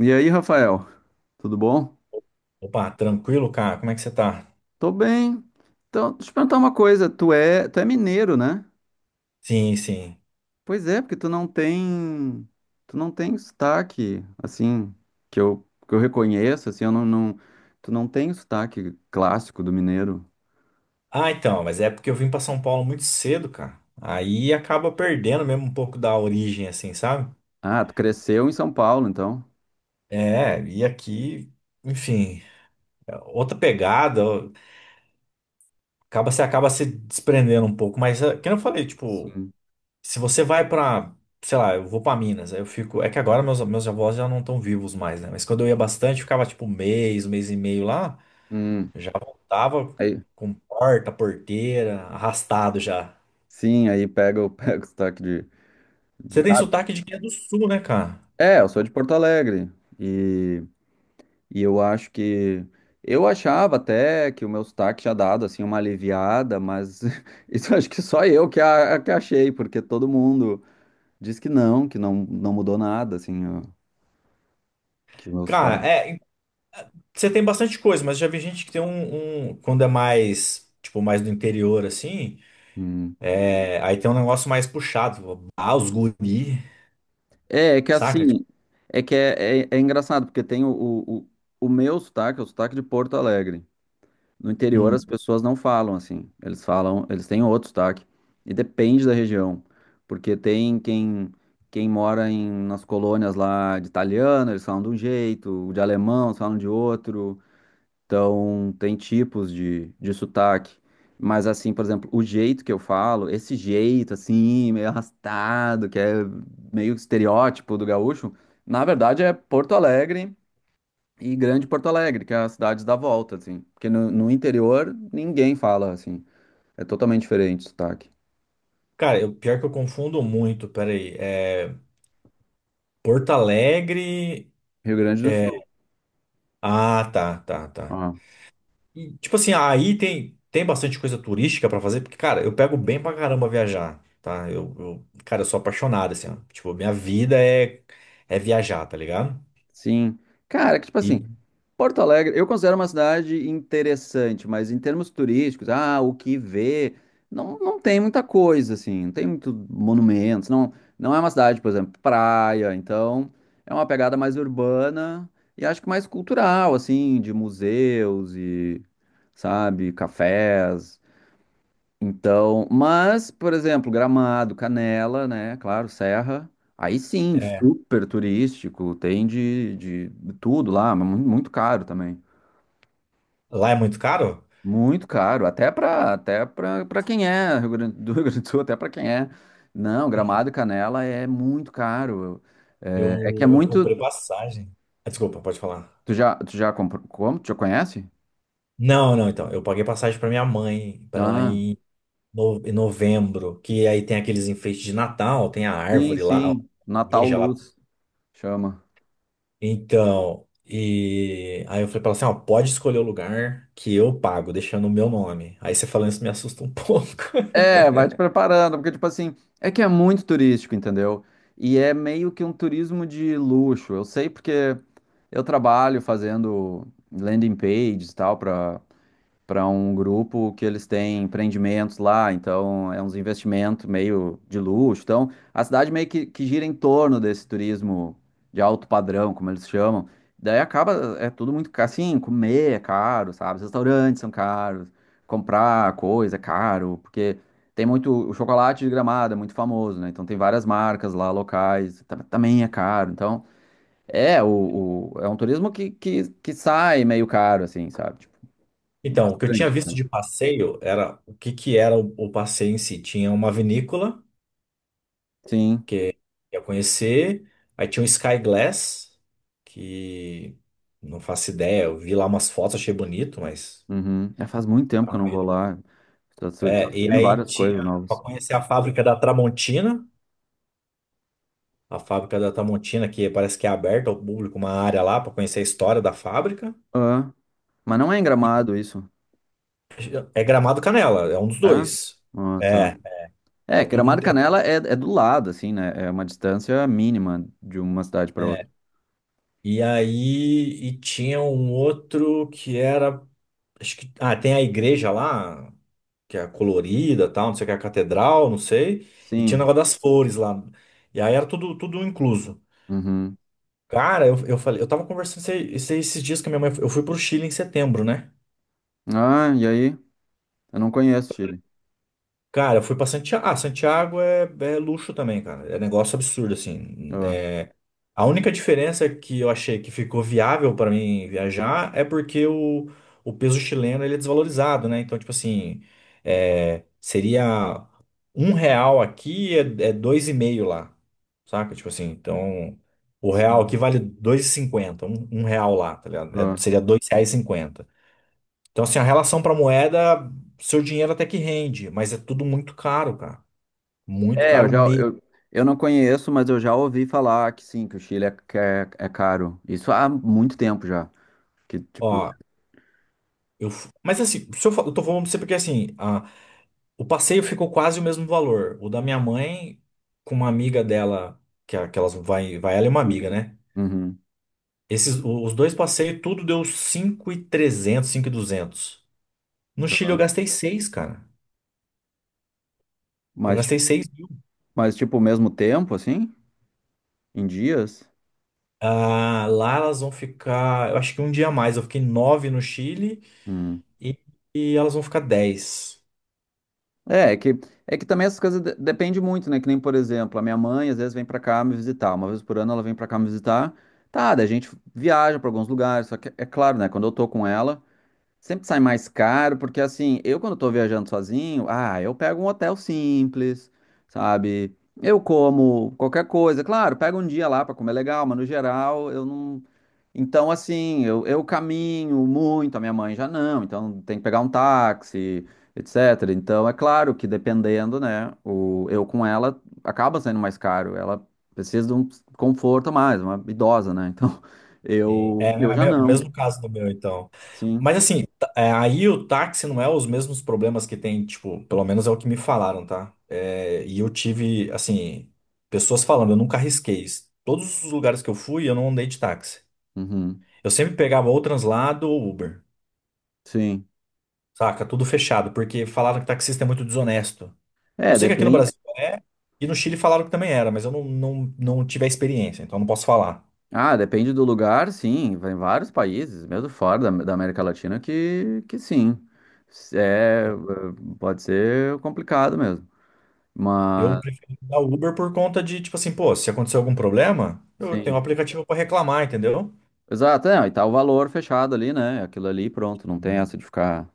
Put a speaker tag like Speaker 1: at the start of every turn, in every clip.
Speaker 1: E aí, Rafael, tudo bom?
Speaker 2: Opa, tranquilo, cara? Como é que você tá?
Speaker 1: Tô bem. Então, deixa eu te perguntar uma coisa, tu é mineiro, né?
Speaker 2: Sim, sim.
Speaker 1: Pois é, porque tu não tem sotaque, assim, que eu reconheço, assim, eu não, não, tu não tem o sotaque clássico do mineiro.
Speaker 2: Ah, então, mas é porque eu vim pra São Paulo muito cedo, cara. Aí acaba perdendo mesmo um pouco da origem, assim, sabe?
Speaker 1: Ah, tu cresceu em São Paulo, então.
Speaker 2: É, e aqui, enfim, é outra pegada, acaba você acaba se desprendendo um pouco, mas é, que nem eu falei, tipo,
Speaker 1: Sim.
Speaker 2: se você vai pra, sei lá, eu vou pra Minas, aí eu fico, é que agora meus avós já não estão vivos mais, né? Mas quando eu ia bastante, ficava tipo um mês e meio lá,
Speaker 1: Hum,
Speaker 2: já voltava
Speaker 1: aí,
Speaker 2: com porta, porteira, arrastado já.
Speaker 1: sim, aí pega o sotaque
Speaker 2: Você tem
Speaker 1: Ah,
Speaker 2: sotaque de quem é do sul, né, cara?
Speaker 1: é, eu sou de Porto Alegre e... E eu acho que. Eu achava até que o meu sotaque tinha dado assim uma aliviada, mas isso acho que só eu que achei, porque todo mundo diz que não, não mudou nada, assim, ó, que o meu
Speaker 2: Cara,
Speaker 1: sotaque.
Speaker 2: é, você tem bastante coisa, mas já vi gente que tem um, quando é mais, tipo, mais do interior, assim,
Speaker 1: Hum.
Speaker 2: é, aí tem um negócio mais puxado, ah, os guri,
Speaker 1: É, que
Speaker 2: saca? Tipo,
Speaker 1: assim, é engraçado, porque tem o meu sotaque, é o sotaque de Porto Alegre. No interior as
Speaker 2: hum.
Speaker 1: pessoas não falam assim. Eles falam, eles têm outro sotaque. E depende da região, porque tem quem mora nas colônias lá de italiano, eles falam de um jeito, de alemão, eles falam de outro. Então tem tipos de sotaque. Mas assim, por exemplo, o jeito que eu falo, esse jeito assim, meio arrastado, que é meio estereótipo do gaúcho, na verdade é Porto Alegre e Grande Porto Alegre, que é as cidades da volta, assim. Porque no interior ninguém fala assim. É totalmente diferente o sotaque.
Speaker 2: Cara, eu, pior que eu confundo muito, peraí, é, Porto Alegre,
Speaker 1: Rio Grande do
Speaker 2: é,
Speaker 1: Sul.
Speaker 2: ah, tá, tá, tá.
Speaker 1: Ah,
Speaker 2: E, tipo assim, aí tem, tem bastante coisa turística pra fazer, porque, cara, eu pego bem pra caramba viajar, tá? Eu, cara, eu sou apaixonado, assim, ó. Tipo, minha vida é, é viajar, tá ligado?
Speaker 1: sim. Cara, que tipo
Speaker 2: E
Speaker 1: assim, Porto Alegre, eu considero uma cidade interessante, mas em termos turísticos, o que ver, não tem muita coisa, assim, não tem muito monumentos, não, não é uma cidade, por exemplo, praia, então é uma pegada mais urbana e acho que mais cultural, assim, de museus e, sabe, cafés. Então, mas, por exemplo, Gramado, Canela, né? Claro, Serra. Aí sim,
Speaker 2: é,
Speaker 1: super turístico, tem de tudo lá, mas muito caro também.
Speaker 2: lá é muito caro?
Speaker 1: Muito caro, até para para quem é do Rio Grande do Sul, até para quem é. Não, Gramado e Canela é muito caro.
Speaker 2: Eu,
Speaker 1: É, que é
Speaker 2: eu
Speaker 1: muito.
Speaker 2: comprei passagem. Ah, desculpa, pode falar.
Speaker 1: Tu já comprou? Como? Tu já conhece?
Speaker 2: Não, não, então. Eu paguei passagem pra minha mãe, pra ela
Speaker 1: Ah,
Speaker 2: ir em em novembro, que aí tem aqueles enfeites de Natal, tem a
Speaker 1: sim,
Speaker 2: árvore lá, a
Speaker 1: sim. Natal
Speaker 2: igreja lá.
Speaker 1: Luz chama.
Speaker 2: Então, e aí eu falei pra ela assim, ó, pode escolher o lugar que eu pago, deixando o meu nome. Aí você falando isso me assusta um pouco.
Speaker 1: É, vai te preparando, porque, tipo assim, é que é muito turístico, entendeu? E é meio que um turismo de luxo. Eu sei porque eu trabalho fazendo landing pages e tal, para um grupo que eles têm empreendimentos lá, então é uns investimentos meio de luxo. Então, a cidade meio que gira em torno desse turismo de alto padrão, como eles chamam. Daí acaba, é tudo muito assim, comer é caro, sabe? Os restaurantes são caros, comprar coisa é caro, porque tem muito, o chocolate de Gramado é muito famoso, né? Então tem várias marcas lá locais, também é caro. Então, é um turismo que sai meio caro, assim, sabe? Tipo,
Speaker 2: Então, o que eu tinha
Speaker 1: bastante,
Speaker 2: visto
Speaker 1: né?
Speaker 2: de passeio era o que que era o passeio em si. Tinha uma vinícola
Speaker 1: Sim.
Speaker 2: que eu ia conhecer, aí tinha um Sky Glass, que não faço ideia, eu vi lá umas fotos, achei bonito, mas
Speaker 1: Uhum. É, faz muito tempo
Speaker 2: tá
Speaker 1: que eu
Speaker 2: no
Speaker 1: não
Speaker 2: meio
Speaker 1: vou
Speaker 2: do...
Speaker 1: lá. Tá
Speaker 2: É, e
Speaker 1: surgindo
Speaker 2: aí
Speaker 1: várias
Speaker 2: tinha
Speaker 1: coisas
Speaker 2: para
Speaker 1: novas.
Speaker 2: conhecer a fábrica da Tramontina. A fábrica da Tramontina, que parece que é aberta ao público, uma área lá para conhecer a história da fábrica.
Speaker 1: Ah, mas não é em Gramado isso.
Speaker 2: É Gramado Canela, é um dos
Speaker 1: É?
Speaker 2: dois.
Speaker 1: Ah, tá.
Speaker 2: É,
Speaker 1: É,
Speaker 2: é tudo.
Speaker 1: Gramado e Canela é do lado, assim, né? É uma distância mínima de uma cidade
Speaker 2: É,
Speaker 1: para outra.
Speaker 2: é. E aí, e tinha um outro que era, acho que, ah, tem a igreja lá, que é colorida, tal, não sei o que, a catedral, não sei, e tinha o
Speaker 1: Sim.
Speaker 2: negócio das flores lá. E aí era tudo, tudo incluso.
Speaker 1: Uhum.
Speaker 2: Cara, eu falei, eu tava conversando esses dias com a minha mãe, eu fui pro Chile em setembro, né?
Speaker 1: Ah, e aí? Eu não conheço Chile.
Speaker 2: Cara, eu fui pra Santiago. Ah, Santiago é, é luxo também, cara. É negócio absurdo, assim.
Speaker 1: Ah,
Speaker 2: É, a única diferença que eu achei que ficou viável pra mim viajar é porque o peso chileno ele é desvalorizado, né? Então, tipo assim, é, seria um real aqui é, é dois e meio lá, saca? Tipo assim, então o real
Speaker 1: sim.
Speaker 2: aqui vale dois e cinquenta, um real lá, tá ligado? É,
Speaker 1: Ah.
Speaker 2: seria R$ 2,50. Então, assim, a relação pra moeda, seu dinheiro até que rende, mas é tudo muito caro, cara. Muito
Speaker 1: É, eu
Speaker 2: caro
Speaker 1: já.
Speaker 2: mesmo.
Speaker 1: Eu não conheço, mas eu já ouvi falar que sim, que o Chile é caro. Isso há muito tempo já. Que, tipo.
Speaker 2: Ó, eu... Mas assim, se eu, eu tô falando pra você porque assim, a... o passeio ficou quase o mesmo valor. O da minha mãe com uma amiga dela, que, que elas vai, vai ela e uma amiga, né?
Speaker 1: Uhum.
Speaker 2: Esses, os dois passeios, tudo deu 5.200. No
Speaker 1: Sei
Speaker 2: Chile
Speaker 1: lá.
Speaker 2: eu gastei seis, cara. Eu
Speaker 1: Mas.
Speaker 2: gastei 6.000.
Speaker 1: Mas, tipo, o mesmo tempo, assim? Em dias?
Speaker 2: Ah, lá elas vão ficar, eu acho que um dia a mais. Eu fiquei 9 no Chile
Speaker 1: Hum.
Speaker 2: e, e elas vão ficar dez.
Speaker 1: É, é que também essas coisas de depende muito, né? Que nem, por exemplo, a minha mãe às vezes vem pra cá me visitar. Uma vez por ano ela vem pra cá me visitar. Tá, daí a gente viaja pra alguns lugares. Só que, é claro, né? Quando eu tô com ela, sempre sai mais caro, porque assim, eu quando tô viajando sozinho, eu pego um hotel simples, sabe? Eu como qualquer coisa. Claro, pego um dia lá pra comer legal, mas no geral eu não. Então, assim, eu caminho muito, a minha mãe já não, então tem que pegar um táxi, etc. Então, é claro que dependendo, né, eu com ela acaba sendo mais caro, ela precisa de um conforto a mais, uma idosa, né? Então, eu,
Speaker 2: É
Speaker 1: eu
Speaker 2: a
Speaker 1: já não,
Speaker 2: mesmo caso do meu, então.
Speaker 1: sim,
Speaker 2: Mas assim, é, aí o táxi não é os mesmos problemas que tem, tipo, pelo menos é o que me falaram, tá? É, e eu tive, assim, pessoas falando, eu nunca arrisquei isso. Todos os lugares que eu fui, eu não andei de táxi.
Speaker 1: uhum,
Speaker 2: Eu sempre pegava ou translado ou Uber,
Speaker 1: sim.
Speaker 2: saca? Tudo fechado, porque falaram que taxista é muito desonesto. Eu
Speaker 1: É,
Speaker 2: sei que aqui no
Speaker 1: depende.
Speaker 2: Brasil é, e no Chile falaram que também era, mas eu não tive a experiência, então não posso falar.
Speaker 1: Ah, depende do lugar, sim, vai em vários países, mesmo fora da América Latina, que sim, é, pode ser complicado mesmo.
Speaker 2: Eu
Speaker 1: Mas.
Speaker 2: prefiro usar o Uber por conta de, tipo assim, pô, se acontecer algum problema, eu tenho um
Speaker 1: Sim.
Speaker 2: aplicativo pra reclamar, entendeu?
Speaker 1: Exato, e tá o valor fechado ali, né? Aquilo ali, pronto, não tem essa de ficar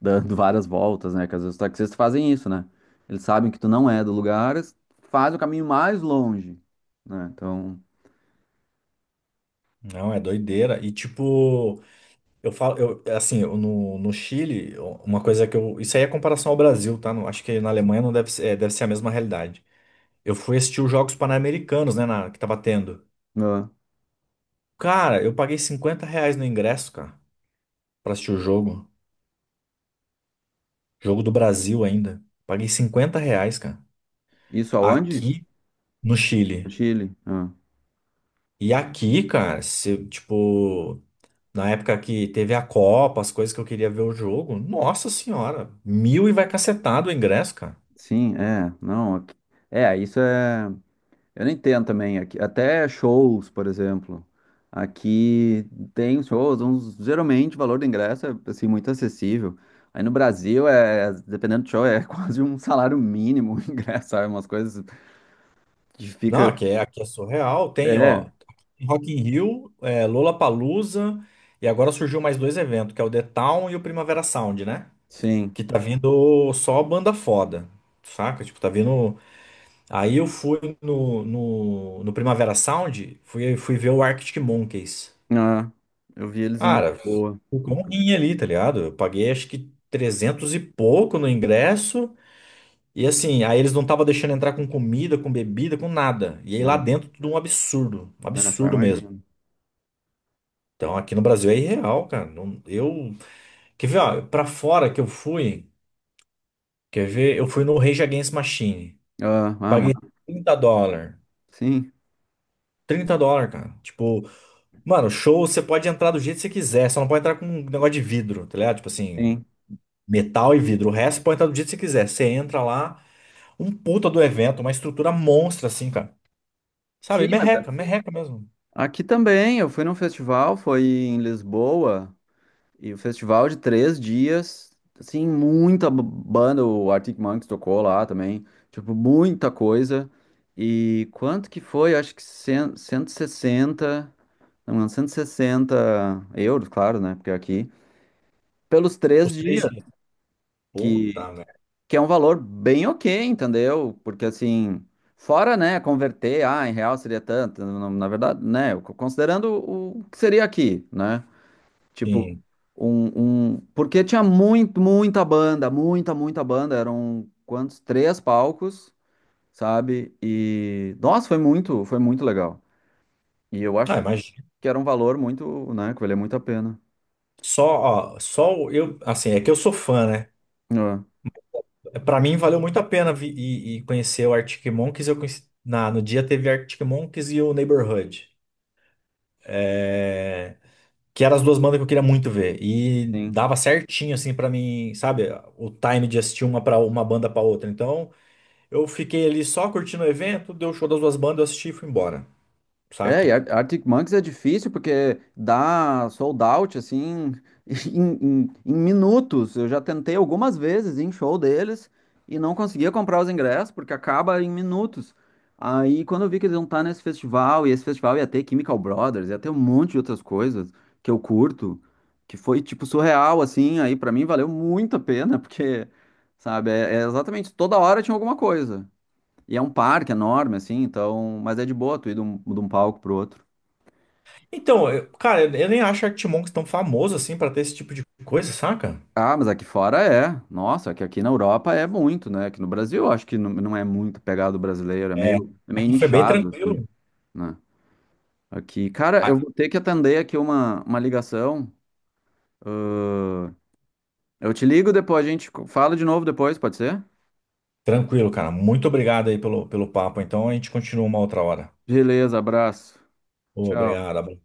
Speaker 1: dando várias voltas, né? Que às vezes os taxistas fazem isso, né? Eles sabem que tu não é do lugar, eles fazem o caminho mais longe, né? Então,
Speaker 2: Não, é doideira. E tipo, eu falo, eu, assim, eu, no Chile, uma coisa que eu. Isso aí é comparação ao Brasil, tá? Não, acho que na Alemanha não deve ser, é, deve ser a mesma realidade. Eu fui assistir os Jogos Pan-Americanos, né, na, que tava tendo.
Speaker 1: ah,
Speaker 2: Cara, eu paguei R$ 50 no ingresso, cara, pra assistir o jogo. Jogo do Brasil ainda. Paguei 50 reais, cara.
Speaker 1: isso aonde?
Speaker 2: Aqui no
Speaker 1: No
Speaker 2: Chile.
Speaker 1: Chile. Ah.
Speaker 2: E aqui, cara, se, tipo, na época que teve a Copa, as coisas que eu queria ver o jogo, nossa senhora, mil e vai cacetado o ingresso, cara.
Speaker 1: Sim, é, não, é, isso é. Eu nem entendo também aqui, até shows, por exemplo. Aqui tem shows, uns, geralmente o valor do ingresso é assim muito acessível. Aí no Brasil é, dependendo do show, é quase um salário mínimo o ingresso, sabe? Umas coisas que
Speaker 2: Não,
Speaker 1: fica.
Speaker 2: aqui é surreal. Tem, ó,
Speaker 1: É,
Speaker 2: Rock in Rio, é, Lollapalooza, e agora surgiu mais dois eventos, que é o The Town e o Primavera Sound, né?
Speaker 1: sim.
Speaker 2: Que tá vindo só banda foda, saca? Tipo, tá vindo... Aí eu fui no Primavera Sound, fui ver o Arctic Monkeys.
Speaker 1: Ah, eu vi eles em
Speaker 2: Cara,
Speaker 1: Lisboa,
Speaker 2: ficou um rim ali, tá ligado? Eu paguei acho que 300 e pouco no ingresso. E assim, aí eles não estavam deixando entrar com comida, com bebida, com nada. E aí lá
Speaker 1: né?
Speaker 2: dentro tudo um absurdo. Um
Speaker 1: Ah, só
Speaker 2: absurdo mesmo.
Speaker 1: imagino.
Speaker 2: Então aqui no Brasil é irreal, cara. Não- eu. Quer ver, ó, pra fora que eu fui. Quer ver? Eu fui no Rage Against Machine.
Speaker 1: Ah,
Speaker 2: Paguei US$ 30.
Speaker 1: sim,
Speaker 2: US$ 30, cara. Tipo, mano, show você pode entrar do jeito que você quiser, só não pode entrar com um negócio de vidro, tá ligado? Tipo assim.
Speaker 1: sim.
Speaker 2: Metal e vidro. O resto pode entrar do jeito que você quiser. Você entra lá, um puta do evento, uma estrutura monstra, assim, cara. Sabe?
Speaker 1: Sim, mas
Speaker 2: Merreca, merreca mesmo.
Speaker 1: aqui também, eu fui num festival, foi em Lisboa. E o festival de três dias, assim, muita banda, o Arctic Monkeys tocou lá também, tipo, muita coisa. E quanto que foi? Acho que 160 não, 160 euros, claro, né? Porque aqui, pelos três
Speaker 2: Os três
Speaker 1: dias,
Speaker 2: dias.
Speaker 1: que,
Speaker 2: Puta, né?
Speaker 1: que é um valor bem ok, entendeu? Porque assim, fora, né, converter, em real seria tanto, na verdade, né, considerando o que seria aqui, né? Tipo,
Speaker 2: Sim.
Speaker 1: porque tinha muito, muita banda, muita, muita banda. Eram quantos? Três palcos, sabe? E, nossa, foi muito, legal. E eu acho
Speaker 2: Ah, imagina.
Speaker 1: que era um valor muito, né? Que valia muito a pena.
Speaker 2: Só, ó, só eu, assim, é que eu sou fã, né?
Speaker 1: É,
Speaker 2: Pra mim valeu muito a pena vi, e conhecer o Arctic Monkeys. Eu conheci, na, no dia teve Arctic Monkeys e o Neighborhood. É, que eram as duas bandas que eu queria muito ver. E
Speaker 1: sim.
Speaker 2: dava certinho, assim, pra mim, sabe? O time de assistir uma, pra, uma banda pra outra. Então. Eu fiquei ali só curtindo o evento, deu o show das duas bandas, eu assisti e fui embora,
Speaker 1: É, e
Speaker 2: saca?
Speaker 1: Arctic Monkeys é difícil porque dá sold out assim em minutos. Eu já tentei algumas vezes ir em show deles e não conseguia comprar os ingressos porque acaba em minutos. Aí quando eu vi que eles iam estar nesse festival e esse festival ia ter Chemical Brothers, ia ter um monte de outras coisas que eu curto, que foi tipo surreal assim. Aí pra mim valeu muito a pena porque, sabe, é exatamente toda hora tinha alguma coisa. E é um parque enorme, assim, então. Mas é de boa tu ir de um, palco pro outro.
Speaker 2: Então, cara, eu nem acho Arctic tão famoso assim pra ter esse tipo de coisa, saca?
Speaker 1: Ah, mas aqui fora é. Nossa, é que aqui na Europa é muito, né? Aqui no Brasil, eu acho que não é muito pegado brasileiro, é
Speaker 2: É,
Speaker 1: meio, é meio
Speaker 2: aqui foi bem
Speaker 1: nichado, assim,
Speaker 2: tranquilo.
Speaker 1: né? Aqui. Cara,
Speaker 2: Ah,
Speaker 1: eu vou ter que atender aqui uma ligação. Ahn, eu te ligo depois, a gente fala de novo depois, pode ser?
Speaker 2: tranquilo, cara. Muito obrigado aí pelo, pelo papo. Então a gente continua uma outra hora.
Speaker 1: Beleza, abraço. Tchau.
Speaker 2: Obrigado.